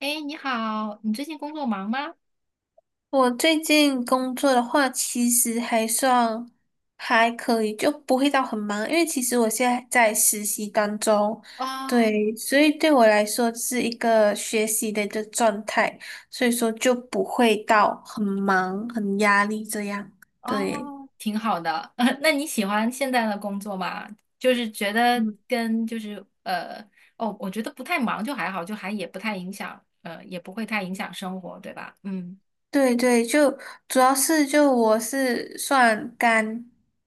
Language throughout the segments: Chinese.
哎，你好，你最近工作忙吗？我最近工作的话，其实还算还可以，就不会到很忙，因为其实我现在在实习当中，哦对，所以对我来说是一个学习的一个状态，所以说就不会到很忙、很压力这样，对。哦，挺好的。那你喜欢现在的工作吗？就是觉得嗯，跟就是呃，哦，我觉得不太忙就还好，就还也不太影响，也不会太影响生活，对吧？嗯，对对，就主要是就我是算刚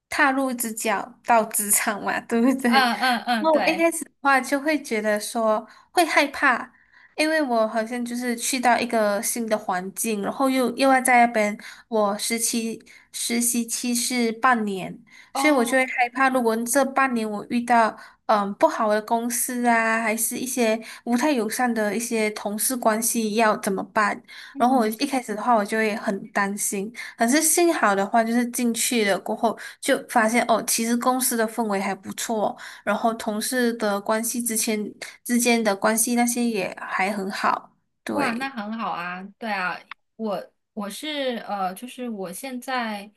踏入职角到职场嘛，对不对？嗯嗯嗯，对，话，就会觉得说会害怕，因为我好像就是去到一个新的环境，然后又要在那边，我实习期是半年，所以我就会哦，害怕，如果这半年我遇到不好的公司啊，还是一些不太友善的一些同事关系，要怎么办？然后我嗯。一开始的话，我就会很担心。可是幸好的话，就是进去了过后，就发现哦，其实公司的氛围还不错，然后同事的关系之间的关系那些也还很好，哇，那对很好啊，对啊，我我是呃，就是我现在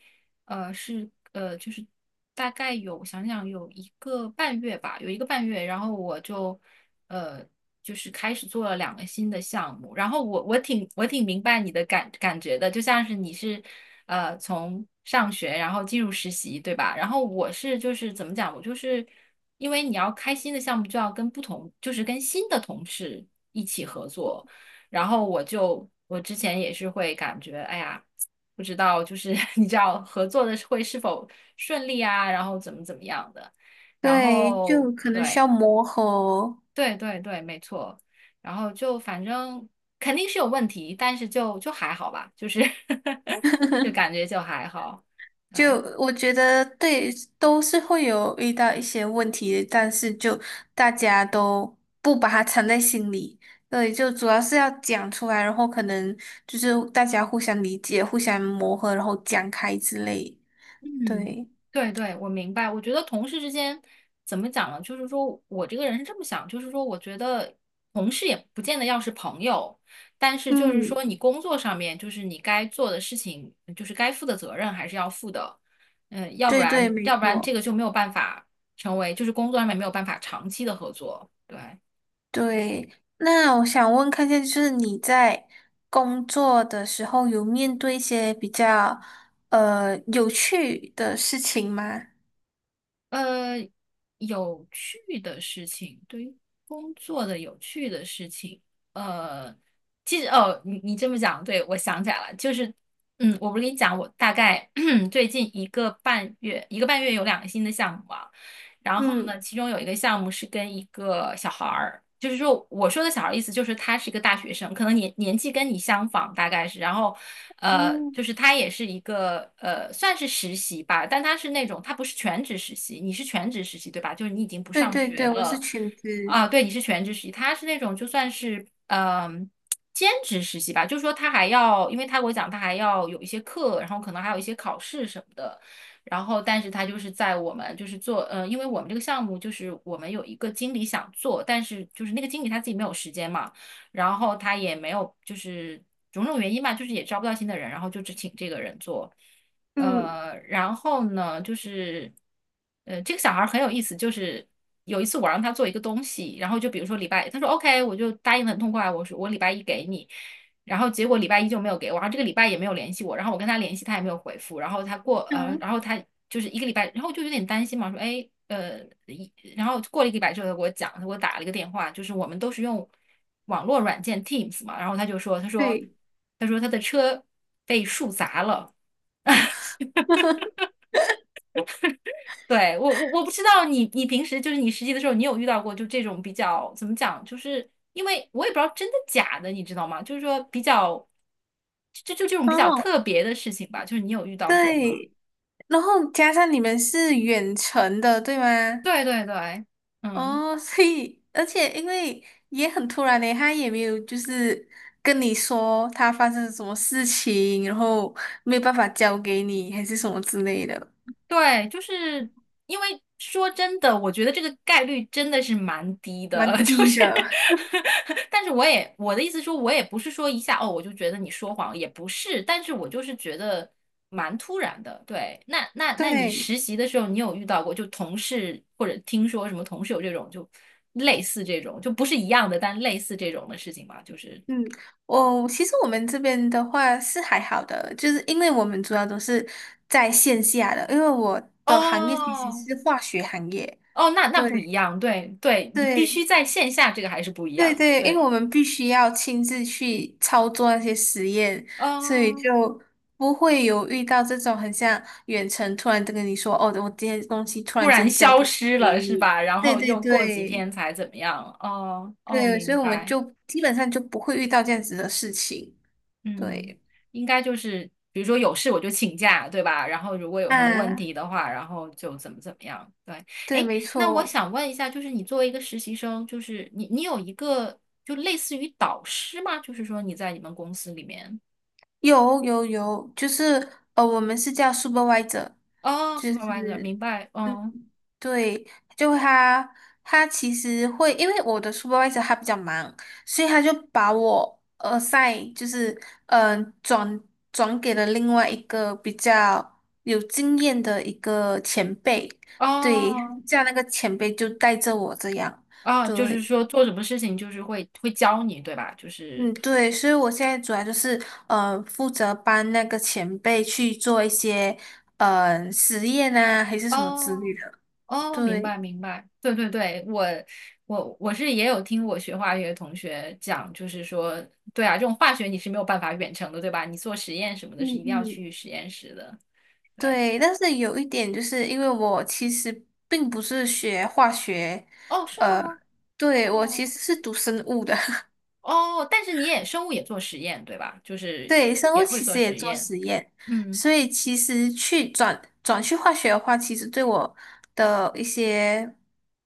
呃是呃，就是大概有有一个半月吧，有一个半月，然后我呃就是开始做了两个新的项目，然后我挺明白你的感觉的，就像是你是从上学然后进入实习，对吧？然后我是就是怎么讲，我就是因为你要开新的项目，就要跟不同，就是跟新的同事一起合作。然后我之前也是会感觉，哎呀，不知道就是 你知道合作的会是否顺利啊，然后怎么怎么样的，然对，后就可能需对要磨合。对对对，没错，然后就反正肯定是有问题，但是就还好吧，就是 就感觉就还好，就对，我觉得对，都是会有遇到一些问题的，但是就大家都不把它藏在心里，对，就主要是要讲出来，然后可能就是大家互相理解、互相磨合，然后讲开之类，嗯，对，对对，我明白。我觉得同事之间怎么讲呢？就是说我这个人是这么想，就是说我觉得同事也不见得要是朋友，但是就是嗯，说你工作上面就是你该做的事情，就是该负的责任还是要负的。嗯，要不对对，然没要不然这错。个就没有办法成为，就是工作上面没有办法长期的合作。对。对，那我想问看一下，就是你在工作的时候有面对一些比较有趣的事情吗？呃，有趣的事情，对于工作的有趣的事情，呃，其实哦，你你这么讲，对，我想起来了，就是，嗯，我不是跟你讲，我大概 最近一个半月，一个半月有两个新的项目啊。然后嗯呢，其中有一个项目是跟一个小孩儿，就是说我说的小孩儿意思就是他是一个大学生，可能年纪跟你相仿，大概是，然后嗯，就是他也是一个算是实习吧，但他是那种他不是全职实习，你是全职实习对吧？就是你已经不对上对学对，我是了裙子，啊，对，你是全职实习，他是那种就算是嗯。兼职实习吧，就是说他还要，因为他给我讲，他还要有一些课，然后可能还有一些考试什么的，然后但是他就是在我们就是做，呃，因为我们这个项目就是我们有一个经理想做，但是就是那个经理他自己没有时间嘛，然后他也没有就是种种原因吧，就是也招不到新的人，然后就只请这个人做，嗯，呃，然后呢就是，呃，这个小孩很有意思，就是。有一次我让他做一个东西，然后就比如说礼拜，他说 OK，我就答应的很痛快，我说我礼拜一给你，然后结果礼拜一就没有给我，然后这个礼拜也没有联系我，然后我跟他联系他也没有回复，然后他过呃，嗯，然后他就是一个礼拜，然后就有点担心嘛，一然后过了一个礼拜之后他给我讲，他给我打了一个电话，就是我们都是用网络软件 Teams 嘛，然后对他说他的车被树砸了，对，我不知道你你平时就是你实习的时候，你有遇到过就这种比较怎么讲，就是因为我也不知道真的假的，你知道吗？就是说比较，就这种比较哦，特别的事情吧，就是你有遇到过吗？对，然后加上你们是远程的，对吗？对对对，嗯。哦，所以而且因为也很突然嘞，他也没有就是跟你说他发生什么事情，然后没有办法交给你，还是什么之类的，对，就是因为说真的，我觉得这个概率真的是蛮低蛮的，就低是的。但是我的意思说，我也不是说一下哦，我就觉得你说谎，也不是，但是我就是觉得蛮突然的。对，那你对，实习的时候，你有遇到过就同事或者听说什么同事有这种就类似这种，就不是一样的，但类似这种的事情吗？就是嗯，我、其实我们这边的话是还好的，就是因为我们主要都是在线下的，因为我的行业其实哦是化学行业，哦，那那不一对样，对对，你必对，须在线下，这个还是不一对样的，对，因对。为我们必须要亲自去操作那些实验，所以嗯，就不会有遇到这种很像远程突然跟你说，哦，我今天东西突突然然间交消不失给了，是你。吧？然对后对又过几对天才怎么样？哦哦，对，所明以我们白。就基本上就不会遇到这样子的事情。嗯，对，应该就是，比如说有事我就请假，对吧？然后如果有什么问啊，题的话，然后就怎么怎么样。对，对，哎，没那我错，想问一下，就是你作为一个实习生，就是你你有一个就类似于导师吗？就是说你在你们公司里面有有有，就是我们是叫 supervisor，哦就，supervisor，是。明白？嗯嗯，对，就他，他其实会，因为我的 supervisor 他比较忙，所以他就把我 assign 就是嗯、呃转转给了另外一个比较有经验的一个前辈，对，哦这样那个前辈就带着我这样，哦，就是对，说做什么事情就是会教你，对吧？就是。嗯对，所以我现在主要就是负责帮那个前辈去做一些实验啊还是什么之哦类的，哦，明白对。明白，对对对，我是也有听我学化学的同学讲，就是说，对啊，这种化学你是没有办法远程的，对吧？你做实验什么的是嗯一定要嗯，去实验室的，对。对，但是有一点就是因为我其实并不是学化学，哦，是呃，吗？对，我其哦实是读生物的。哦，但是你也生物也做实验，对吧？就是对，生物也会其做实也实做验，实验，嗯所以其实去转去化学的话，其实对我的一些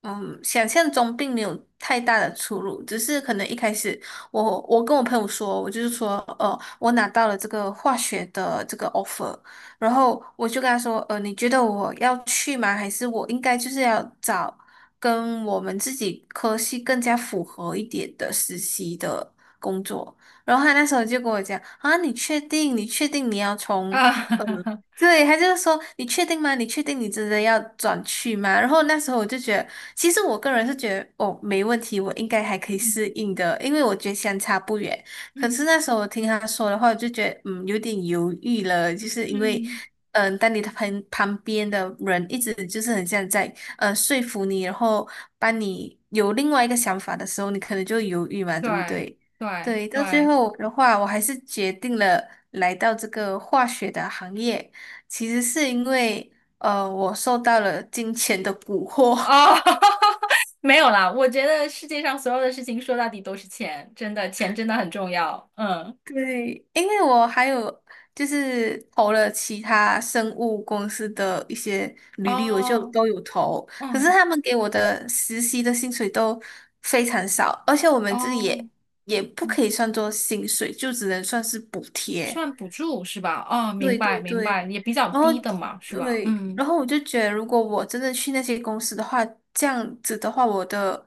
想象中并没有太大的出入，只是可能一开始我跟我朋友说，我就是说，我拿到了这个化学的这个 offer，然后我就跟他说，你觉得我要去吗？还是我应该就是要找跟我们自己科系更加符合一点的实习的工作？然后他那时候就跟我讲啊，你确定？你确定你要从啊，呃，对，他就是说你确定吗？你确定你真的要转去吗？然后那时候我就觉得，其实我个人是觉得哦，没问题，我应该还可以适应的，因为我觉得相差不远。可是嗯那时候我听他说的话，我就觉得嗯，有点犹豫了，就是因为。嗯，嗯，当你的旁边的人一直就是很像在说服你，然后帮你有另外一个想法的时候，你可能就犹豫嘛，对不对对？对对，到最对，后的话，我还是决定了来到这个化学的行业。其实是因为，我受到了金钱的蛊哦。惑。没有啦，我觉得世界上所有的事情说到底都是钱，真的，钱真的很重要。嗯。对，因为我还有就是投了其他生物公司的一些履历，我就哦，都有投。可是嗯，他们给我的实习的薪水都非常少，而且我们这里哦，也也不嗯，可以算作薪水，就只能算是补贴。算补助是吧？哦，明对白对明对，白，也比较然后低的嘛，是吧？对，嗯，然后我就觉得，如果我真的去那些公司的话，这样子的话，我的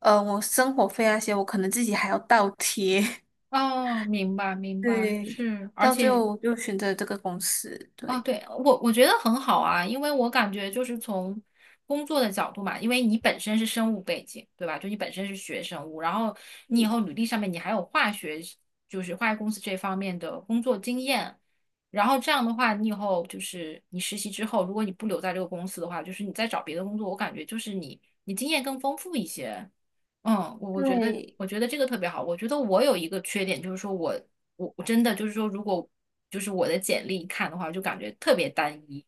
我生活费那些，我可能自己还要倒贴。哦，明白明白，对，是，而到最且后我就选择这个公司。啊，对，对，我我觉得很好啊，因为我感觉就是从工作的角度嘛，因为你本身是生物背景，对吧？就你本身是学生物，然后你以嗯，后履历上面你还有化学，就是化学公司这方面的工作经验，然后这样的话，你以后就是你实习之后，如果你不留在这个公司的话，就是你再找别的工作，我感觉就是你你经验更丰富一些。嗯，对，我觉得这个特别好。我觉得我有一个缺点，就是说我真的就是说，如果就是我的简历看的话，就感觉特别单一，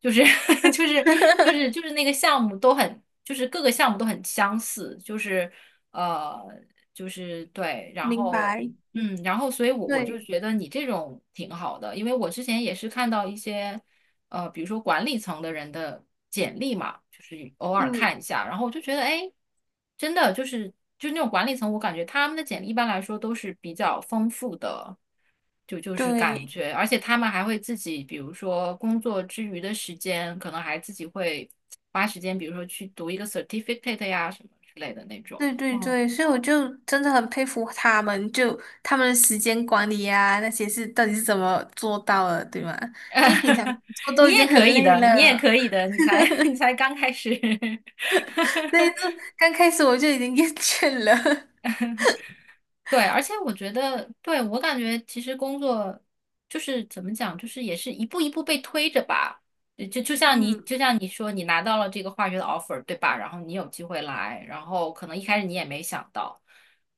就是 但 是 就是就是 就是那个项目都很，就是各个项目都很相似，呃就是对，然明后白，嗯，然后所以我就对，觉得你这种挺好的，因为我之前也是看到一些。呃，比如说管理层的人的简历嘛，就是偶尔嗯，看一下，然后我就觉得，哎，真的就是就那种管理层，我感觉他们的简历一般来说都是比较丰富的，就是感对。觉，而且他们还会自己，比如说工作之余的时间，可能还自己会花时间，比如说去读一个 certificate 呀什么之类的那种，对对嗯。对，所以我就真的很佩服他们，就他们的时间管理呀那些是到底是怎么做到的，对吗？因为平常 做都你已也经很可以累的，了，你也可以的，你才 你才刚开始。所以就刚开始我就已经厌倦了。对，而且我觉得，对，我感觉其实工作就是怎么讲，就是也是一步一步被推着吧。嗯，就像你说，你拿到了这个化学的 offer，对吧？然后你有机会来，然后可能一开始你也没想到，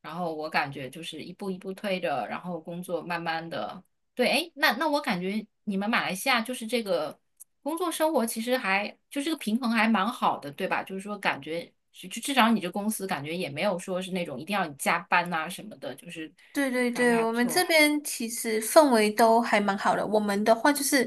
然后我感觉就是一步一步推着，然后工作慢慢的，对，哎，那那我感觉你们马来西亚就是这个。工作生活其实还就这个平衡还蛮好的，对吧？就是说感觉就至少你这公司感觉也没有说是那种一定要你加班呐、什么的，就是对对感觉对，还不我们这错。边其实氛围都还蛮好的，我们的话就是，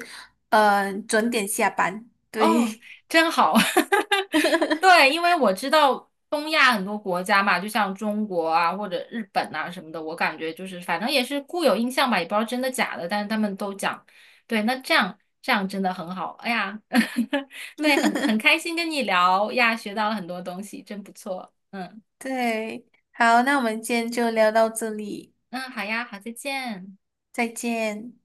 准点下班，哦，对 真好。对，因为我知道东亚很多国家嘛，就像中国啊或者日本啊什么的，我感觉就是反正也是固有印象吧，也不知道真的假的，但是他们都讲。对，那这样这样真的很好。哎呀，对，很很开心跟你聊呀，学到了很多东西，真不错。嗯。对，好，那我们今天就聊到这里，嗯，好呀，好，再见。再见。